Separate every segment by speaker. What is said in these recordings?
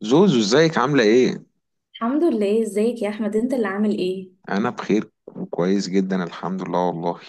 Speaker 1: زوزو ازيك عاملة ايه؟
Speaker 2: الحمد لله. ازيك يا احمد؟ انت اللي عامل ايه؟
Speaker 1: أنا بخير وكويس جدا الحمد لله والله.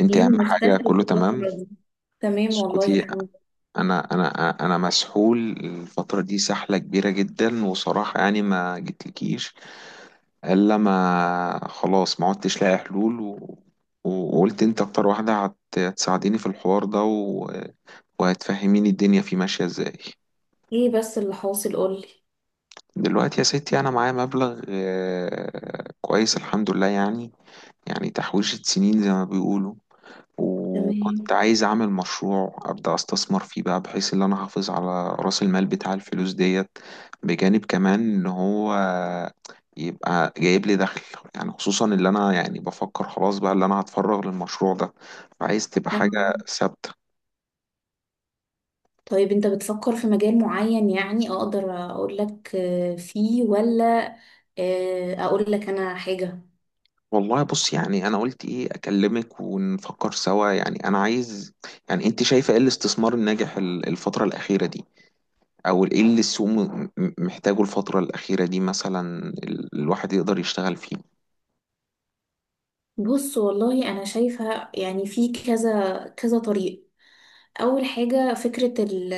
Speaker 1: انت
Speaker 2: ايه
Speaker 1: أهم حاجة
Speaker 2: مختفي
Speaker 1: كله تمام.
Speaker 2: الفترة دي؟ تمام والله
Speaker 1: اسكتي.
Speaker 2: الحمد
Speaker 1: أنا مسحول الفترة دي سحلة كبيرة جدا وصراحة يعني ما جتلكيش إلا ما خلاص ما عدتش لاقي حلول وقلت انت أكتر واحدة هتساعديني في الحوار ده وهتفهميني الدنيا فيه ماشية ازاي.
Speaker 2: لله. ايه بس اللي حاصل؟ قولي.
Speaker 1: دلوقتي يا ستي أنا معايا مبلغ كويس الحمد لله يعني تحويشة سنين زي ما بيقولوا.
Speaker 2: تمام.
Speaker 1: وكنت عايز أعمل مشروع أبدأ أستثمر فيه بقى بحيث إن أنا أحافظ على رأس المال بتاع الفلوس ديت، بجانب كمان إن هو يبقى جايب لي دخل، يعني خصوصا اللي أنا يعني بفكر خلاص بقى اللي أنا هتفرغ للمشروع ده، فعايز تبقى
Speaker 2: أهو.
Speaker 1: حاجة ثابتة.
Speaker 2: طيب انت بتفكر في مجال معين؟ يعني اقدر اقول لك، آه، فيه ولا اقول لك انا حاجة.
Speaker 1: والله بص يعني أنا قلت إيه أكلمك ونفكر سوا يعني أنا عايز، يعني أنت شايفة إيه الاستثمار الناجح الفترة الأخيرة دي؟ او ايه اللي السوق محتاجه الفترة الأخيرة دي مثلا الواحد يقدر يشتغل فيه؟
Speaker 2: بص والله انا شايفة يعني في كذا كذا طريق. أول حاجة فكرة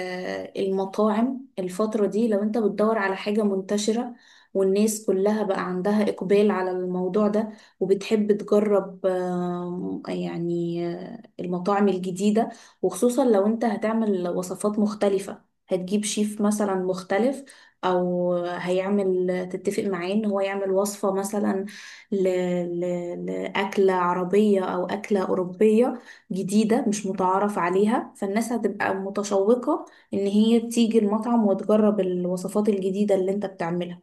Speaker 2: المطاعم. الفترة دي لو أنت بتدور على حاجة منتشرة، والناس كلها بقى عندها إقبال على الموضوع ده، وبتحب تجرب يعني المطاعم الجديدة. وخصوصا لو أنت هتعمل وصفات مختلفة، هتجيب شيف مثلا مختلف، أو هيعمل تتفق معاه إن هو يعمل وصفة مثلا ل... لأكلة عربية أو أكلة أوروبية جديدة مش متعارف عليها، فالناس هتبقى متشوقة إن هي تيجي المطعم وتجرب الوصفات الجديدة اللي أنت بتعملها.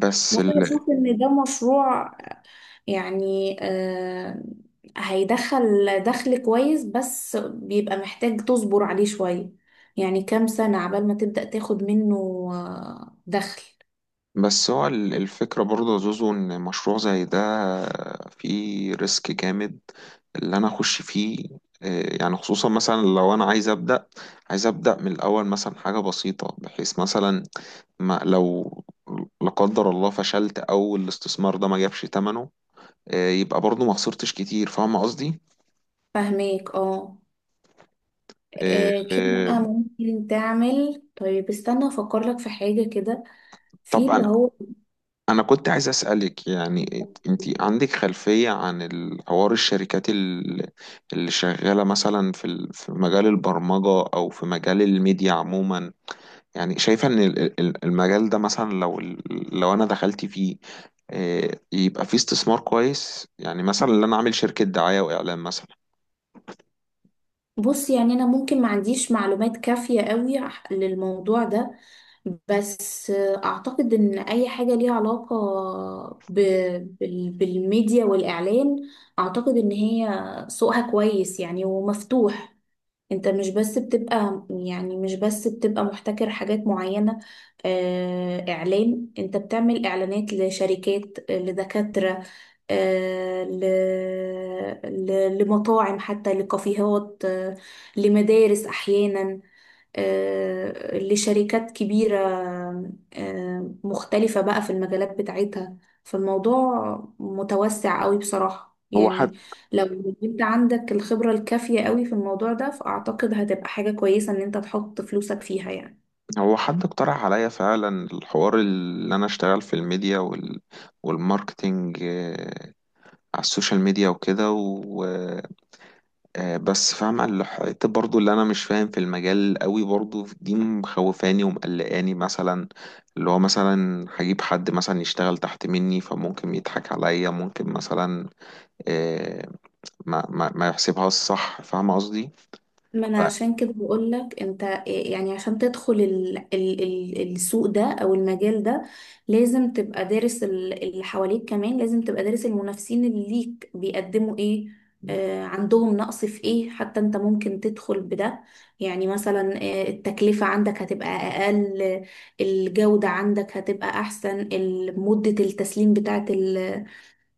Speaker 1: بس
Speaker 2: وأنا
Speaker 1: ال...
Speaker 2: بشوف إن ده مشروع يعني هيدخل دخل كويس، بس بيبقى محتاج تصبر عليه شوية. يعني كام سنة عبال ما تبدأ تاخد منه دخل.
Speaker 1: بس هو الفكرة برضه يا زوزو ان مشروع زي ده فيه ريسك جامد اللي انا اخش فيه. يعني خصوصا مثلا لو انا عايز ابدا من الاول مثلا حاجه بسيطه بحيث مثلا ما لو لا قدر الله فشلت او الاستثمار ده ما جابش ثمنه. يبقى برضه ما خسرتش كتير فاهم قصدي؟
Speaker 2: فاهميك اه.
Speaker 1: آه،
Speaker 2: كده
Speaker 1: آه.
Speaker 2: بقى ممكن تعمل. طيب استنى افكر لك في حاجة كده في اللي
Speaker 1: طبعا.
Speaker 2: هو.
Speaker 1: أنا كنت عايز أسألك يعني أنت عندك خلفية عن الحوار الشركات اللي شغالة مثلا في في مجال البرمجة أو في مجال الميديا عموما، يعني شايفة إن المجال ده مثلا لو أنا دخلت فيه، يبقى فيه استثمار كويس يعني مثلا إن أنا أعمل شركة دعاية وإعلان مثلا.
Speaker 2: بص يعني انا ممكن ما عنديش معلومات كافية قوي للموضوع ده. بس اعتقد ان اي حاجة ليها علاقة ب... بالميديا والاعلان، اعتقد ان هي سوقها كويس يعني ومفتوح. انت مش بس بتبقى يعني مش بس بتبقى محتكر حاجات معينة. اعلان، انت بتعمل اعلانات لشركات، لدكاترة، آه، ل... لمطاعم، حتى لكافيهات، لمدارس احيانا، لشركات كبيرة مختلفة بقى في المجالات بتاعتها. فالموضوع متوسع قوي بصراحة
Speaker 1: هو
Speaker 2: يعني.
Speaker 1: حد
Speaker 2: لو انت عندك الخبرة الكافية قوي في الموضوع ده، فأعتقد هتبقى حاجة كويسة ان انت تحط فلوسك فيها يعني.
Speaker 1: هو حد اقترح عليا فعلا الحوار اللي أنا أشتغل في الميديا والماركتينج على السوشيال ميديا وكده و آه، بس فاهمة الحتة برضو اللي أنا مش فاهم في المجال قوي برضو دي مخوفاني ومقلقاني مثلا، اللي هو مثلا هجيب حد مثلا يشتغل تحت مني فممكن يضحك عليا ممكن مثلا آه، ما يحسبهاش صح فاهمة قصدي؟
Speaker 2: ما انا
Speaker 1: ف-
Speaker 2: عشان كده بقول لك انت يعني عشان تدخل ال ال ال السوق ده او المجال ده لازم تبقى دارس اللي حواليك، كمان لازم تبقى دارس المنافسين اللي ليك بيقدموا ايه، آه عندهم نقص في ايه حتى انت ممكن تدخل بده. يعني مثلا التكلفة عندك هتبقى اقل، الجودة عندك هتبقى احسن، مدة التسليم بتاعت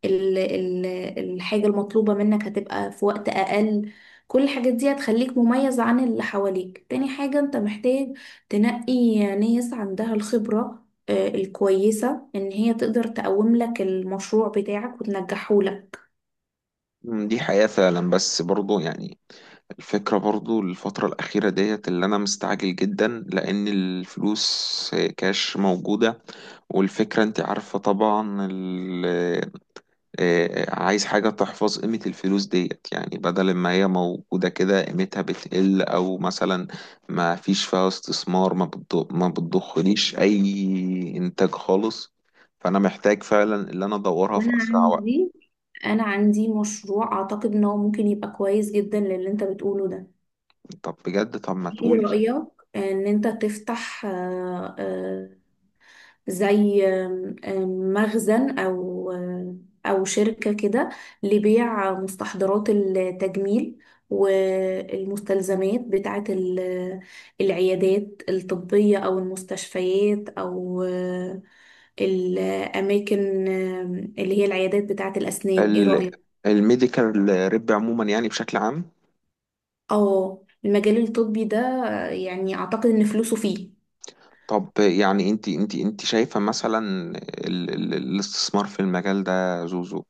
Speaker 2: ال ال الحاجة المطلوبة منك هتبقى في وقت أقل. كل الحاجات دي هتخليك مميز عن اللي حواليك. تاني حاجة انت محتاج تنقي ناس عندها الخبرة الكويسة ان هي تقدر تقوم لك المشروع بتاعك وتنجحه لك.
Speaker 1: دي حقيقة فعلا بس برضو يعني الفكرة برضو الفترة الأخيرة ديت اللي أنا مستعجل جدا لأن الفلوس كاش موجودة، والفكرة أنت عارفة طبعا، عايز حاجة تحفظ قيمة الفلوس ديت يعني بدل ما هي موجودة كده قيمتها بتقل أو مثلا ما فيش فيها استثمار ما بتضخليش أي إنتاج خالص، فأنا محتاج فعلا اللي أنا أدورها في
Speaker 2: وانا
Speaker 1: أسرع وقت.
Speaker 2: عندي انا عندي مشروع اعتقد ان هو ممكن يبقى كويس جدا للي انت بتقوله ده.
Speaker 1: طب بجد، طب ما
Speaker 2: ايه
Speaker 1: تقول.
Speaker 2: رأيك ان انت تفتح زي آم، آم، مخزن، أو أو شركة كده لبيع مستحضرات التجميل والمستلزمات بتاعة العيادات الطبية أو المستشفيات أو الأماكن، اللي هي العيادات بتاعة الأسنان. إيه رأيك؟
Speaker 1: الميديكال ريب عموما يعني بشكل عام.
Speaker 2: اه، المجال الطبي ده يعني أعتقد إن فلوسه فيه.
Speaker 1: طب يعني انت شايفة مثلا ال ال الاستثمار في المجال ده زوزو،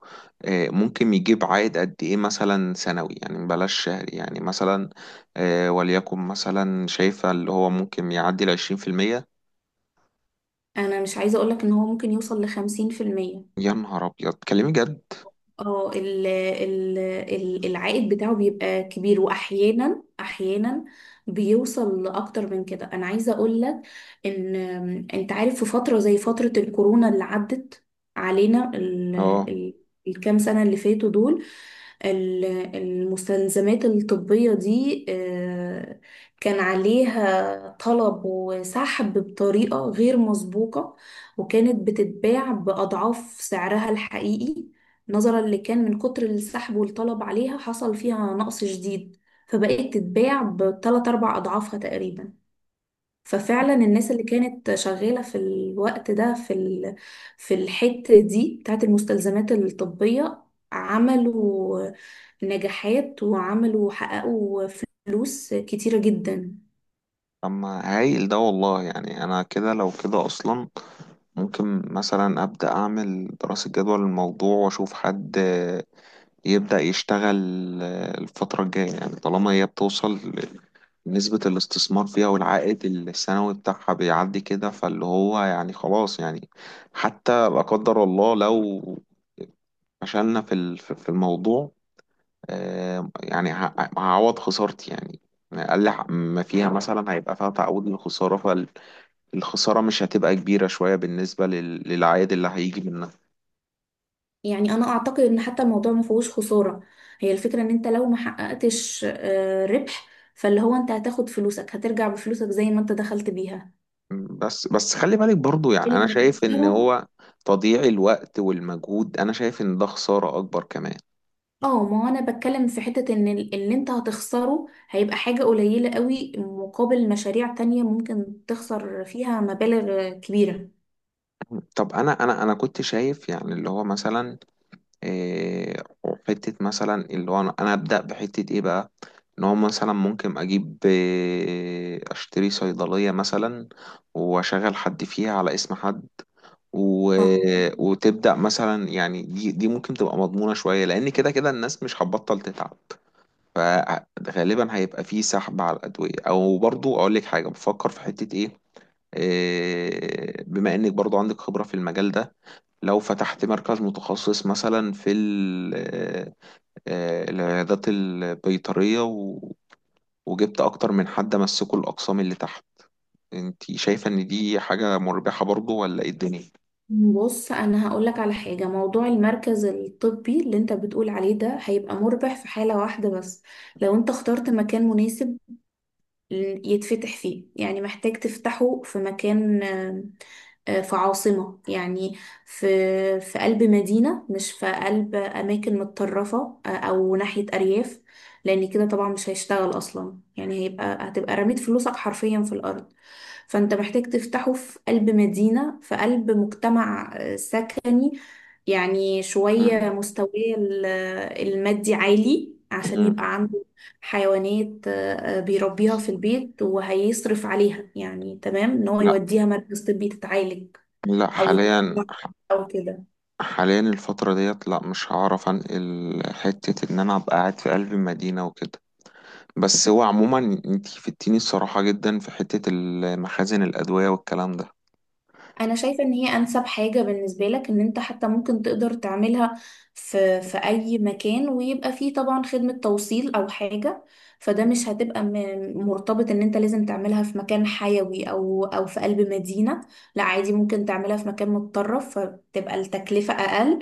Speaker 1: ممكن يجيب عائد قد ايه مثلا سنوي يعني بلاش شهري يعني مثلا، وليكن مثلا شايفة اللي هو ممكن يعدي 20%؟
Speaker 2: أنا مش عايزة أقولك إن هو ممكن يوصل لخمسين في المية.
Speaker 1: يا نهار ابيض تكلمي جد!
Speaker 2: اه، العائد بتاعه بيبقى كبير، واحيانا احيانا بيوصل لاكتر من كده. انا عايزه اقول لك ان انت عارف، في فتره زي فتره الكورونا اللي عدت علينا
Speaker 1: اه.
Speaker 2: ال... الكام سنه اللي فاتوا دول، ال- المستلزمات الطبيه دي كان عليها طلب وسحب بطريقه غير مسبوقه، وكانت بتتباع باضعاف سعرها الحقيقي. نظرا لكان من كتر السحب والطلب عليها حصل فيها نقص شديد، فبقت تتباع بتلات أربع أضعافها تقريبا. ففعلا الناس اللي كانت شغالة في الوقت ده في الحتة دي بتاعت المستلزمات الطبية، عملوا نجاحات، وعملوا حققوا فلوس كتيرة جدا.
Speaker 1: اما هايل ده والله يعني انا كده لو كده اصلا ممكن مثلا ابدا اعمل دراسة جدوى للموضوع واشوف حد يبدأ يشتغل الفترة الجاية يعني طالما هي بتوصل نسبة الاستثمار فيها والعائد السنوي بتاعها بيعدي كده فاللي هو يعني خلاص يعني حتى لا قدر الله لو فشلنا في ال- في في الموضوع، يعني هعوض خسارتي يعني، أقل ما فيها مثلا هيبقى فيها تعويض للخسارة، فالخسارة مش هتبقى كبيرة شوية بالنسبة للعائد اللي هيجي منها.
Speaker 2: يعني انا اعتقد ان حتى الموضوع ما فيهوش خساره. هي الفكره ان انت لو ما حققتش ربح، فاللي هو انت هتاخد فلوسك، هترجع بفلوسك زي ما انت دخلت بيها.
Speaker 1: بس خلي بالك برضو يعني
Speaker 2: اللي
Speaker 1: انا شايف ان
Speaker 2: هتخسره.
Speaker 1: هو تضييع الوقت والمجهود انا شايف ان ده خسارة اكبر كمان.
Speaker 2: اه، ما هو انا بتكلم في حته ان اللي انت هتخسره هيبقى حاجه قليله قوي مقابل مشاريع تانية ممكن تخسر فيها مبالغ كبيره.
Speaker 1: طب انا كنت شايف يعني اللي هو مثلا إيه، حتة مثلا اللي هو أنا ابدأ بحتة ايه بقى، ان هو مثلا ممكن اجيب إيه اشتري صيدلية مثلا واشغل حد فيها على اسم حد و...
Speaker 2: اه،
Speaker 1: وتبدأ مثلا يعني دي ممكن تبقى مضمونة شوية لان كده كده الناس مش هتبطل تتعب، فغالبا هيبقى فيه سحب على الأدوية أو برضو أقول لك حاجة بفكر في حتة إيه، بما إنك برضو عندك خبرة في المجال ده، لو فتحت مركز متخصص مثلا في العيادات البيطرية وجبت أكتر من حد مسكوا الأقسام اللي تحت، أنت شايفة إن دي حاجة مربحة برضو ولا إيه الدنيا؟
Speaker 2: بص انا هقولك على حاجه. موضوع المركز الطبي اللي انت بتقول عليه ده هيبقى مربح في حاله واحده بس، لو انت اخترت مكان مناسب يتفتح فيه. يعني محتاج تفتحه في مكان، آم، آه، في عاصمة يعني، في في قلب مدينة، مش في قلب أماكن متطرفة أو ناحية أرياف، لأن كده طبعا مش هيشتغل أصلا. يعني هيبقى هتبقى رميت فلوسك حرفيا في الأرض. فأنت محتاج تفتحه في قلب مدينة، في قلب مجتمع سكني، يعني شوية
Speaker 1: مم.
Speaker 2: مستواه ال- المادي عالي عشان
Speaker 1: مم.
Speaker 2: يبقى عنده حيوانات بيربيها في البيت وهيصرف عليها، يعني تمام ان هو
Speaker 1: لا،
Speaker 2: يوديها مركز طبي تتعالج
Speaker 1: لا
Speaker 2: او
Speaker 1: حاليا.
Speaker 2: يتطوع او كده.
Speaker 1: حاليا الفترة ديت لا مش هعرف انقل حتة ان انا ابقى قاعد في قلب المدينة وكده، بس هو عموما انتي فدتيني الصراحة جدا في حتة المخازن الأدوية والكلام ده.
Speaker 2: انا شايفة ان هي انسب حاجة بالنسبة لك، ان انت حتى ممكن تقدر تعملها في اي مكان، ويبقى فيه طبعا خدمة توصيل او حاجة. فده مش هتبقى مرتبط ان انت لازم تعملها في مكان حيوي او في قلب مدينة. لا عادي ممكن تعملها في مكان متطرف، فتبقى التكلفة اقل،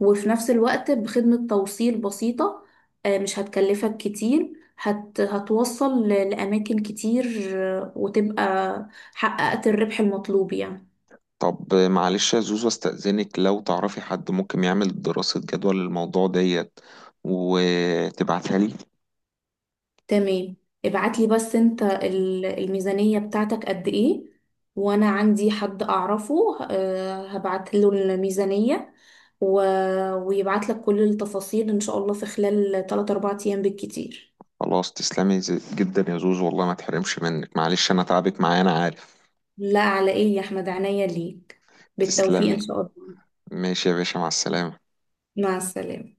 Speaker 2: وفي نفس الوقت بخدمة توصيل بسيطة مش هتكلفك كتير، هتوصل لأماكن كتير وتبقى حققت الربح المطلوب يعني.
Speaker 1: طب معلش يا زوزو استأذنك لو تعرفي حد ممكن يعمل دراسة جدوى للموضوع ديت وتبعتها لي.
Speaker 2: تمام. ابعتلي بس انت الميزانية بتاعتك قد ايه، وانا عندي حد اعرفه هبعت له الميزانية و... ويبعت لك كل التفاصيل ان شاء الله في خلال 3 4 ايام بالكتير.
Speaker 1: خلاص تسلمي جدا يا زوزو والله ما تحرمش منك، معلش انا تعبك معايا انا عارف.
Speaker 2: لا على ايه يا احمد، عينيا ليك. بالتوفيق
Speaker 1: تسلمي.
Speaker 2: ان شاء الله.
Speaker 1: ماشي يا باشا مع السلامة.
Speaker 2: مع السلامة.